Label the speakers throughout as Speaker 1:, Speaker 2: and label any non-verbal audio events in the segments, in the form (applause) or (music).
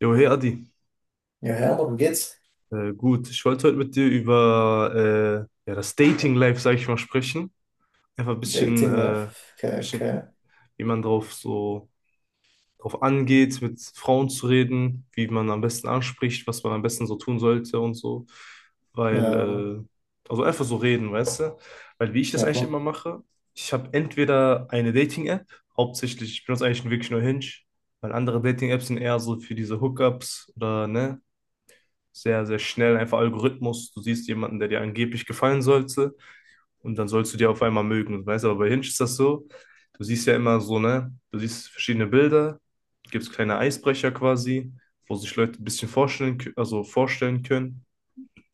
Speaker 1: Jo, hey Adi,
Speaker 2: Ja, ja, darum geht's.
Speaker 1: gut. Ich wollte heute mit dir über ja, das Dating-Life, sag ich mal, sprechen. Einfach ein bisschen,
Speaker 2: Dating Life. Okay,
Speaker 1: bisschen,
Speaker 2: okay.
Speaker 1: wie man drauf angeht, mit Frauen zu reden, wie man am besten anspricht, was man am besten so tun sollte und so. Weil,
Speaker 2: Ja,
Speaker 1: also einfach so reden, weißt du? Weil wie ich das
Speaker 2: ja
Speaker 1: eigentlich
Speaker 2: klar.
Speaker 1: immer mache, ich habe entweder eine Dating-App, hauptsächlich, ich benutze eigentlich wirklich nur Hinge, weil andere Dating-Apps sind eher so für diese Hookups oder, ne? Sehr, sehr schnell, einfach Algorithmus. Du siehst jemanden, der dir angeblich gefallen sollte und dann sollst du dir auf einmal mögen. Weißt du, aber bei Hinge ist das so, du siehst ja immer so, ne, du siehst verschiedene Bilder, gibt es kleine Eisbrecher quasi, wo sich Leute ein bisschen vorstellen, also vorstellen können.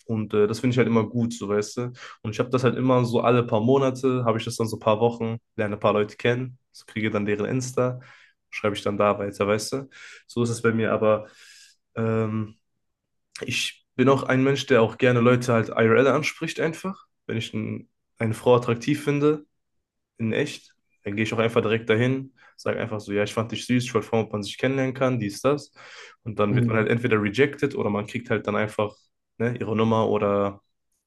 Speaker 1: Und das finde ich halt immer gut, so weißt du. Und ich habe das halt immer so alle paar Monate, habe ich das dann so ein paar Wochen, lerne ein paar Leute kennen, so kriege dann deren Insta, schreibe ich dann da weiter, weißt du. So ist es bei mir, aber ähm, ich bin auch ein Mensch, der auch gerne Leute halt IRL anspricht einfach. Wenn ich n- Eine Frau attraktiv finde, in echt, dann gehe ich auch einfach direkt dahin, sage einfach so, ja, ich fand dich süß, ich wollte fragen, ob man sich kennenlernen kann, dies, das. Und dann wird man
Speaker 2: Hm.
Speaker 1: halt entweder rejected oder man kriegt halt dann einfach, ne, ihre Nummer oder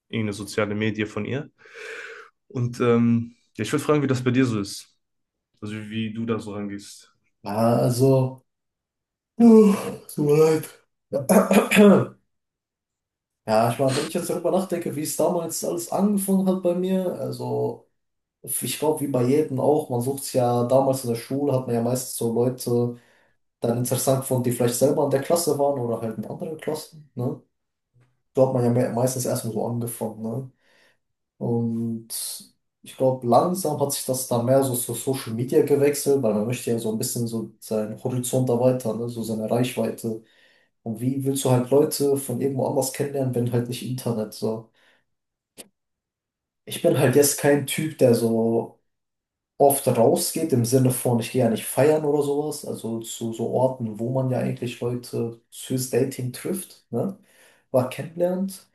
Speaker 1: irgendeine soziale Medie von ihr. Und ja, ich würde fragen, wie das bei dir so ist. Also wie du da so rangehst.
Speaker 2: Ja, also. Uh, tut mir leid. Ja, ich meine, wenn ich jetzt darüber nachdenke, wie es damals alles angefangen hat bei mir, also ich glaube, wie bei jedem auch, man sucht sich ja damals in der Schule, hat man ja meistens so Leute dann interessant gefunden, die vielleicht selber in der Klasse waren oder halt in anderen Klassen, ne? So hat man ja meistens erstmal so angefangen, ne? Und ich glaube, langsam hat sich das dann mehr so zu Social Media gewechselt, weil man möchte ja so ein bisschen so seinen Horizont erweitern, ne? So seine Reichweite. Und wie willst du halt Leute von irgendwo anders kennenlernen, wenn halt nicht Internet so? Ich bin halt jetzt kein Typ, der so oft rausgeht, im Sinne von, ich gehe ja nicht feiern oder sowas, also zu so Orten, wo man ja eigentlich Leute fürs Dating trifft, ne? War kennenlernt.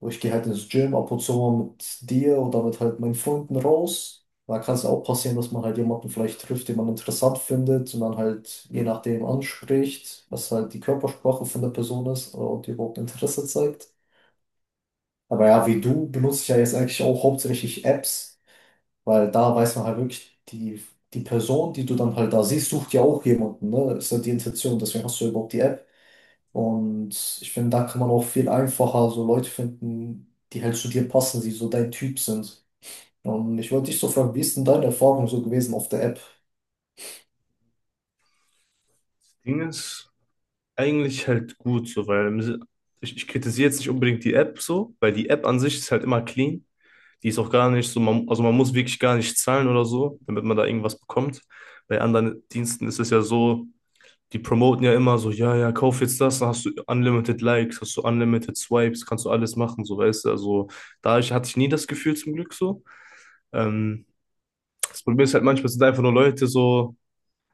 Speaker 2: Und ich gehe halt ins Gym ab und zu mal mit dir oder mit halt meinen Freunden raus. Da kann es auch passieren, dass man halt jemanden vielleicht trifft, den man interessant findet und dann halt je nachdem anspricht, was halt die Körpersprache von der Person ist und die überhaupt Interesse zeigt. Aber ja, wie du benutze ich ja jetzt eigentlich auch hauptsächlich Apps, weil da weiß man halt wirklich, die Person, die du dann halt da siehst, sucht ja auch jemanden, ne? Ist ja die Intention, deswegen hast du überhaupt die App. Und ich finde, da kann man auch viel einfacher so Leute finden, die halt zu dir passen, die so dein Typ sind. Und ich wollte dich so fragen, wie ist denn deine Erfahrung so gewesen auf der App?
Speaker 1: Das Ding ist, eigentlich halt gut so, weil ich kritisiere jetzt nicht unbedingt die App so, weil die App an sich ist halt immer clean. Die ist auch gar nicht so, man, also man muss wirklich gar nicht zahlen oder so, damit man da irgendwas bekommt. Bei anderen Diensten ist es ja so, die promoten ja immer so, ja, ja, kauf jetzt das, dann hast du unlimited Likes, hast du unlimited Swipes, kannst du alles machen, so weißt du. Also hatte ich nie das Gefühl zum Glück so. Ähm, das Problem ist halt manchmal sind einfach nur Leute so.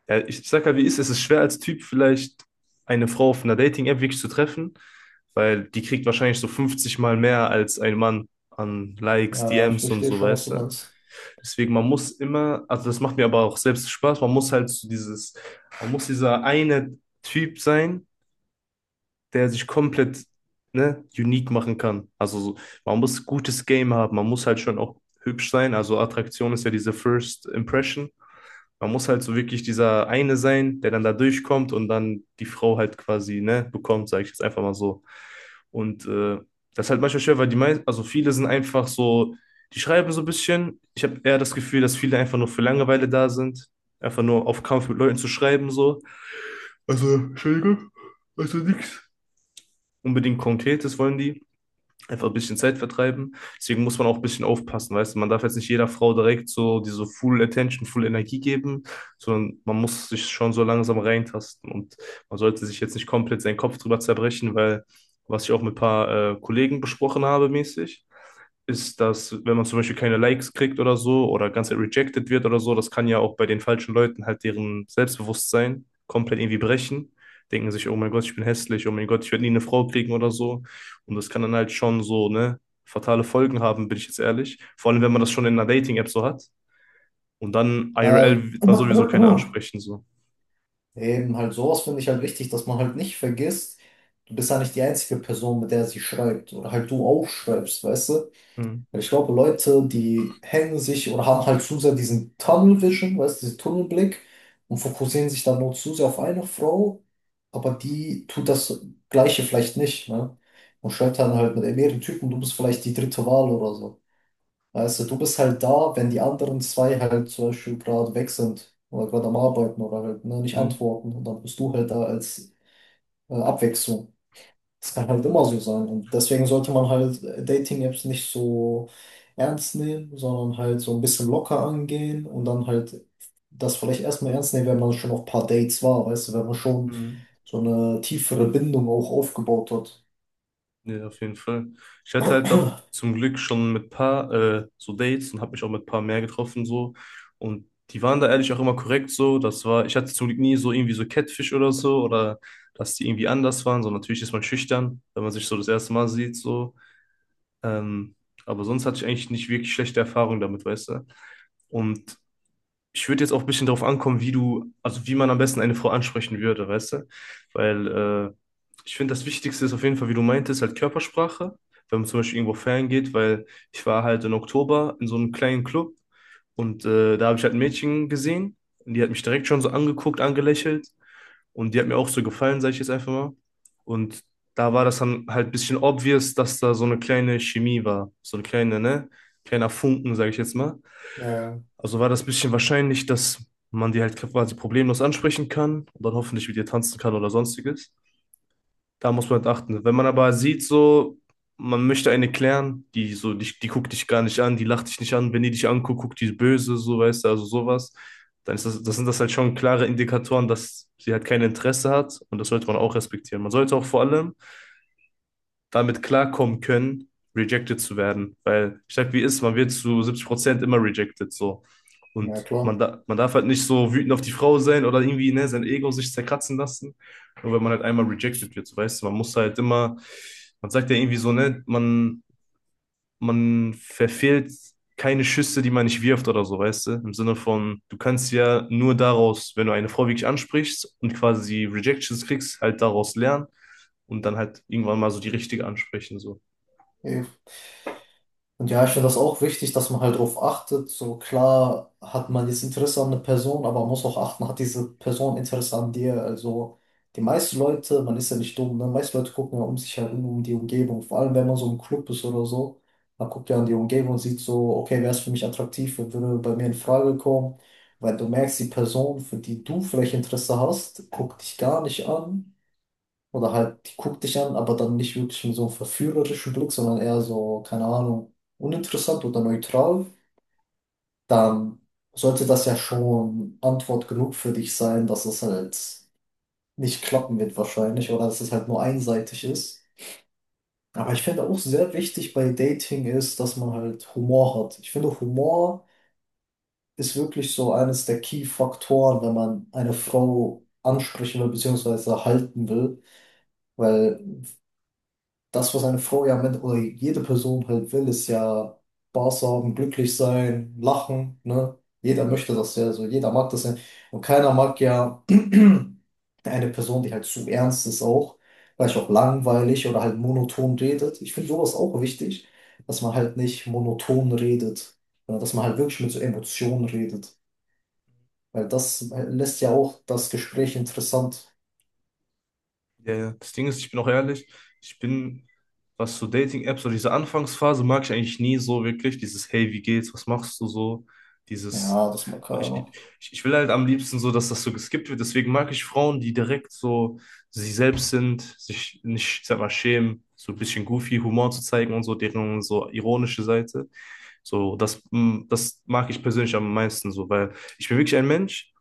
Speaker 1: Ja, ich sag halt, wie ist es? Es ist schwer als Typ vielleicht eine Frau auf einer Dating-App wirklich zu treffen, weil die kriegt wahrscheinlich so 50 Mal mehr als ein Mann an Likes,
Speaker 2: Ja, ich
Speaker 1: DMs und
Speaker 2: verstehe
Speaker 1: so,
Speaker 2: schon, was
Speaker 1: weißt
Speaker 2: du
Speaker 1: du?
Speaker 2: meinst.
Speaker 1: Deswegen, man muss immer, also das macht mir aber auch selbst Spaß, man muss halt so dieses, man muss dieser eine Typ sein, der sich komplett, ne, unique machen kann. Also so, man muss gutes Game haben, man muss halt schon auch hübsch sein. Also Attraktion ist ja diese First Impression. Man muss halt so wirklich dieser eine sein, der dann da durchkommt und dann die Frau halt quasi, ne, bekommt, sage ich jetzt einfach mal so. Und das ist halt manchmal schwer, weil die meisten, also viele sind einfach so, die schreiben so ein bisschen. Ich habe eher das Gefühl, dass viele einfach nur für Langeweile da sind. Einfach nur auf Kampf mit Leuten zu schreiben, so. Also, Entschuldigung, also nix unbedingt Konkretes wollen die. Einfach ein bisschen Zeit vertreiben. Deswegen muss man auch ein bisschen aufpassen, weißt du. Man darf jetzt nicht jeder Frau direkt so diese Full Attention, Full Energie geben, sondern man muss sich schon so langsam reintasten. Und man sollte sich jetzt nicht komplett seinen Kopf drüber zerbrechen, weil, was ich auch mit ein paar Kollegen besprochen habe, mäßig, ist, dass wenn man zum Beispiel keine Likes kriegt oder so oder ganz rejected wird oder so, das kann ja auch bei den falschen Leuten halt deren Selbstbewusstsein komplett irgendwie brechen. Denken sich, oh mein Gott, ich bin hässlich, oh mein Gott, ich werde nie eine Frau kriegen oder so. Und das kann dann halt schon so, ne, fatale Folgen haben, bin ich jetzt ehrlich. Vor allem, wenn man das schon in einer Dating-App so hat. Und dann
Speaker 2: Ja,
Speaker 1: IRL wird man sowieso keine
Speaker 2: (clears throat)
Speaker 1: ansprechen, so.
Speaker 2: eben halt sowas finde ich halt wichtig, dass man halt nicht vergisst, du bist ja nicht die einzige Person, mit der sie schreibt oder halt du auch schreibst, weißt du?
Speaker 1: Hm.
Speaker 2: Ich glaube, Leute, die hängen sich oder haben halt zu sehr diesen Tunnel Vision, weißt du, diesen Tunnelblick und fokussieren sich dann nur zu sehr auf eine Frau, aber die tut das Gleiche vielleicht nicht, ne? Und schreibt dann halt mit mehreren Typen, du bist vielleicht die dritte Wahl oder so. Weißt du, du bist halt da, wenn die anderen zwei halt zum Beispiel gerade weg sind oder gerade am Arbeiten oder halt, ne, nicht
Speaker 1: Hm.
Speaker 2: antworten und dann bist du halt da als Abwechslung. Das kann halt immer so sein. Und deswegen sollte man halt Dating-Apps nicht so ernst nehmen, sondern halt so ein bisschen locker angehen und dann halt das vielleicht erstmal ernst nehmen, wenn man schon auf ein paar Dates war, weißt du, wenn man schon
Speaker 1: Hm.
Speaker 2: so eine tiefere Bindung auch aufgebaut hat.
Speaker 1: Ja, auf jeden Fall. Ich hatte halt auch zum Glück schon mit paar so Dates und habe mich auch mit paar mehr getroffen so. Und die waren da ehrlich auch immer korrekt so. Das war, ich hatte zum Glück nie so irgendwie so Catfish oder so oder dass die irgendwie anders waren. So natürlich ist man schüchtern, wenn man sich so das erste Mal sieht so. Ähm, aber sonst hatte ich eigentlich nicht wirklich schlechte Erfahrungen damit, weißt du. Und ich würde jetzt auch ein bisschen darauf ankommen, wie du, also wie man am besten eine Frau ansprechen würde, weißt du? Weil ich finde, das Wichtigste ist auf jeden Fall, wie du meintest, halt Körpersprache, wenn man zum Beispiel irgendwo feiern geht, weil ich war halt im Oktober in so einem kleinen Club und da habe ich halt ein Mädchen gesehen und die hat mich direkt schon so angeguckt, angelächelt und die hat mir auch so gefallen, sage ich jetzt einfach mal. Und da war das dann halt ein bisschen obvious, dass da so eine kleine Chemie war, so eine kleine, ne? Kleiner Funken, sage ich jetzt mal.
Speaker 2: Ja,
Speaker 1: Also war das ein bisschen wahrscheinlich, dass man die halt quasi problemlos ansprechen kann und dann hoffentlich mit ihr tanzen kann oder sonstiges. Da muss man halt achten. Wenn man aber sieht, so, man möchte eine klären, die so, die guckt dich gar nicht an, die lacht dich nicht an, wenn die dich anguckt, guckt die böse, so weißt du, also sowas, dann ist das sind das halt schon klare Indikatoren, dass sie halt kein Interesse hat und das sollte man auch respektieren. Man sollte auch vor allem damit klarkommen können, rejected zu werden. Weil ich sag, wie ist, man wird zu 70% immer rejected so.
Speaker 2: ja,
Speaker 1: Und
Speaker 2: klar.
Speaker 1: man darf halt nicht so wütend auf die Frau sein oder irgendwie ne, sein Ego sich zerkratzen lassen. Nur wenn man halt einmal rejected wird, so, weißt du, man muss halt immer, man sagt ja irgendwie so, ne, man verfehlt keine Schüsse, die man nicht wirft oder so, weißt du? Im Sinne von, du kannst ja nur daraus, wenn du eine Frau wirklich ansprichst und quasi Rejections kriegst, halt daraus lernen und dann halt irgendwann mal so die richtige ansprechen, so.
Speaker 2: Ja. Und ja, ich finde das auch wichtig, dass man halt darauf achtet. So klar hat man jetzt Interesse an einer Person, aber man muss auch achten, hat diese Person Interesse an dir. Also die meisten Leute, man ist ja nicht dumm, ne? Meiste Leute gucken ja um sich herum, um die Umgebung. Vor allem, wenn man so im Club ist oder so, man guckt ja an die Umgebung und sieht so, okay, wer ist für mich attraktiv, wer würde bei mir in Frage kommen. Weil du merkst, die Person, für die du vielleicht Interesse hast, guckt dich gar nicht an. Oder halt, die guckt dich an, aber dann nicht wirklich mit so einem verführerischen Blick, sondern eher so, keine Ahnung, uninteressant oder neutral, dann sollte das ja schon Antwort genug für dich sein, dass es halt nicht klappen wird wahrscheinlich oder dass es halt nur einseitig ist. Aber ich finde auch sehr wichtig bei Dating ist, dass man halt Humor hat. Ich finde, Humor ist wirklich so eines der Key-Faktoren, wenn man eine Frau ansprechen will, beziehungsweise halten will, weil das, was eine Frau ja mit, oder jede Person halt will, ist ja Spaß haben, glücklich sein, lachen, ne? Jeder möchte das ja, so jeder mag das ja. Und keiner mag ja (clears throat) eine Person, die halt zu ernst ist auch, vielleicht auch langweilig oder halt monoton redet. Ich finde sowas auch wichtig, dass man halt nicht monoton redet, sondern dass man halt wirklich mit so Emotionen redet. Weil das lässt ja auch das Gespräch interessant.
Speaker 1: Ja, ja. Das Ding ist, ich bin auch ehrlich, ich bin, was so Dating-Apps oder diese Anfangsphase mag ich eigentlich nie so wirklich. Dieses hey, wie geht's, was machst du so? Dieses,
Speaker 2: Ja, das mag
Speaker 1: ich, ich,
Speaker 2: keiner.
Speaker 1: ich will halt am liebsten so, dass das so geskippt wird. Deswegen mag ich Frauen, die direkt so sie selbst sind, sich nicht, ich sag mal, schämen, so ein bisschen goofy Humor zu zeigen und so, deren so ironische Seite. So, das mag ich persönlich am meisten so, weil ich bin wirklich ein Mensch.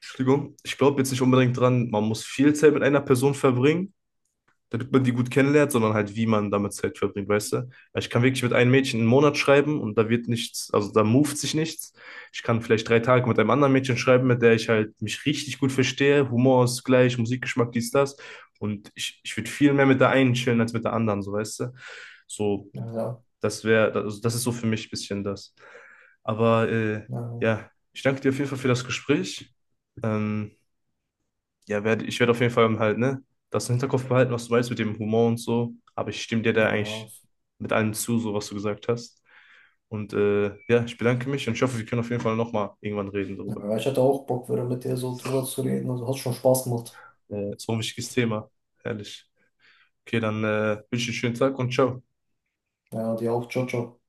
Speaker 1: Entschuldigung, ich glaube jetzt nicht unbedingt dran, man muss viel Zeit mit einer Person verbringen damit man die gut kennenlernt, sondern halt, wie man damit Zeit verbringt, weißt du? Weil ich kann wirklich mit einem Mädchen einen Monat schreiben und da wird nichts, also da moved sich nichts. Ich kann vielleicht 3 Tage mit einem anderen Mädchen schreiben, mit der ich halt mich richtig gut verstehe, Humor ist gleich, Musikgeschmack, dies, das. Und ich würde viel mehr mit der einen chillen als mit der anderen, so weißt du? So,
Speaker 2: Ja, ja,
Speaker 1: das wäre, also das ist so für mich ein bisschen das. Aber
Speaker 2: ja,
Speaker 1: ja, ich danke dir auf jeden Fall für das Gespräch. Ähm, ja, ich werde auf jeden Fall halt, ne, das im Hinterkopf behalten, was du meinst mit dem Humor und so. Aber ich stimme dir
Speaker 2: ja.
Speaker 1: da
Speaker 2: Ja.
Speaker 1: eigentlich mit allem zu, so was du gesagt hast. Und ja, ich bedanke mich und ich hoffe, wir können auf jeden Fall nochmal irgendwann reden darüber.
Speaker 2: Ja, ich hatte auch Bock, wieder mit dir so drüber zu reden. Also hat schon Spaß gemacht.
Speaker 1: So ein wichtiges Thema. Herrlich. Okay, dann wünsche ich einen schönen Tag und ciao.
Speaker 2: Ja, dir auch. Ciao, ciao.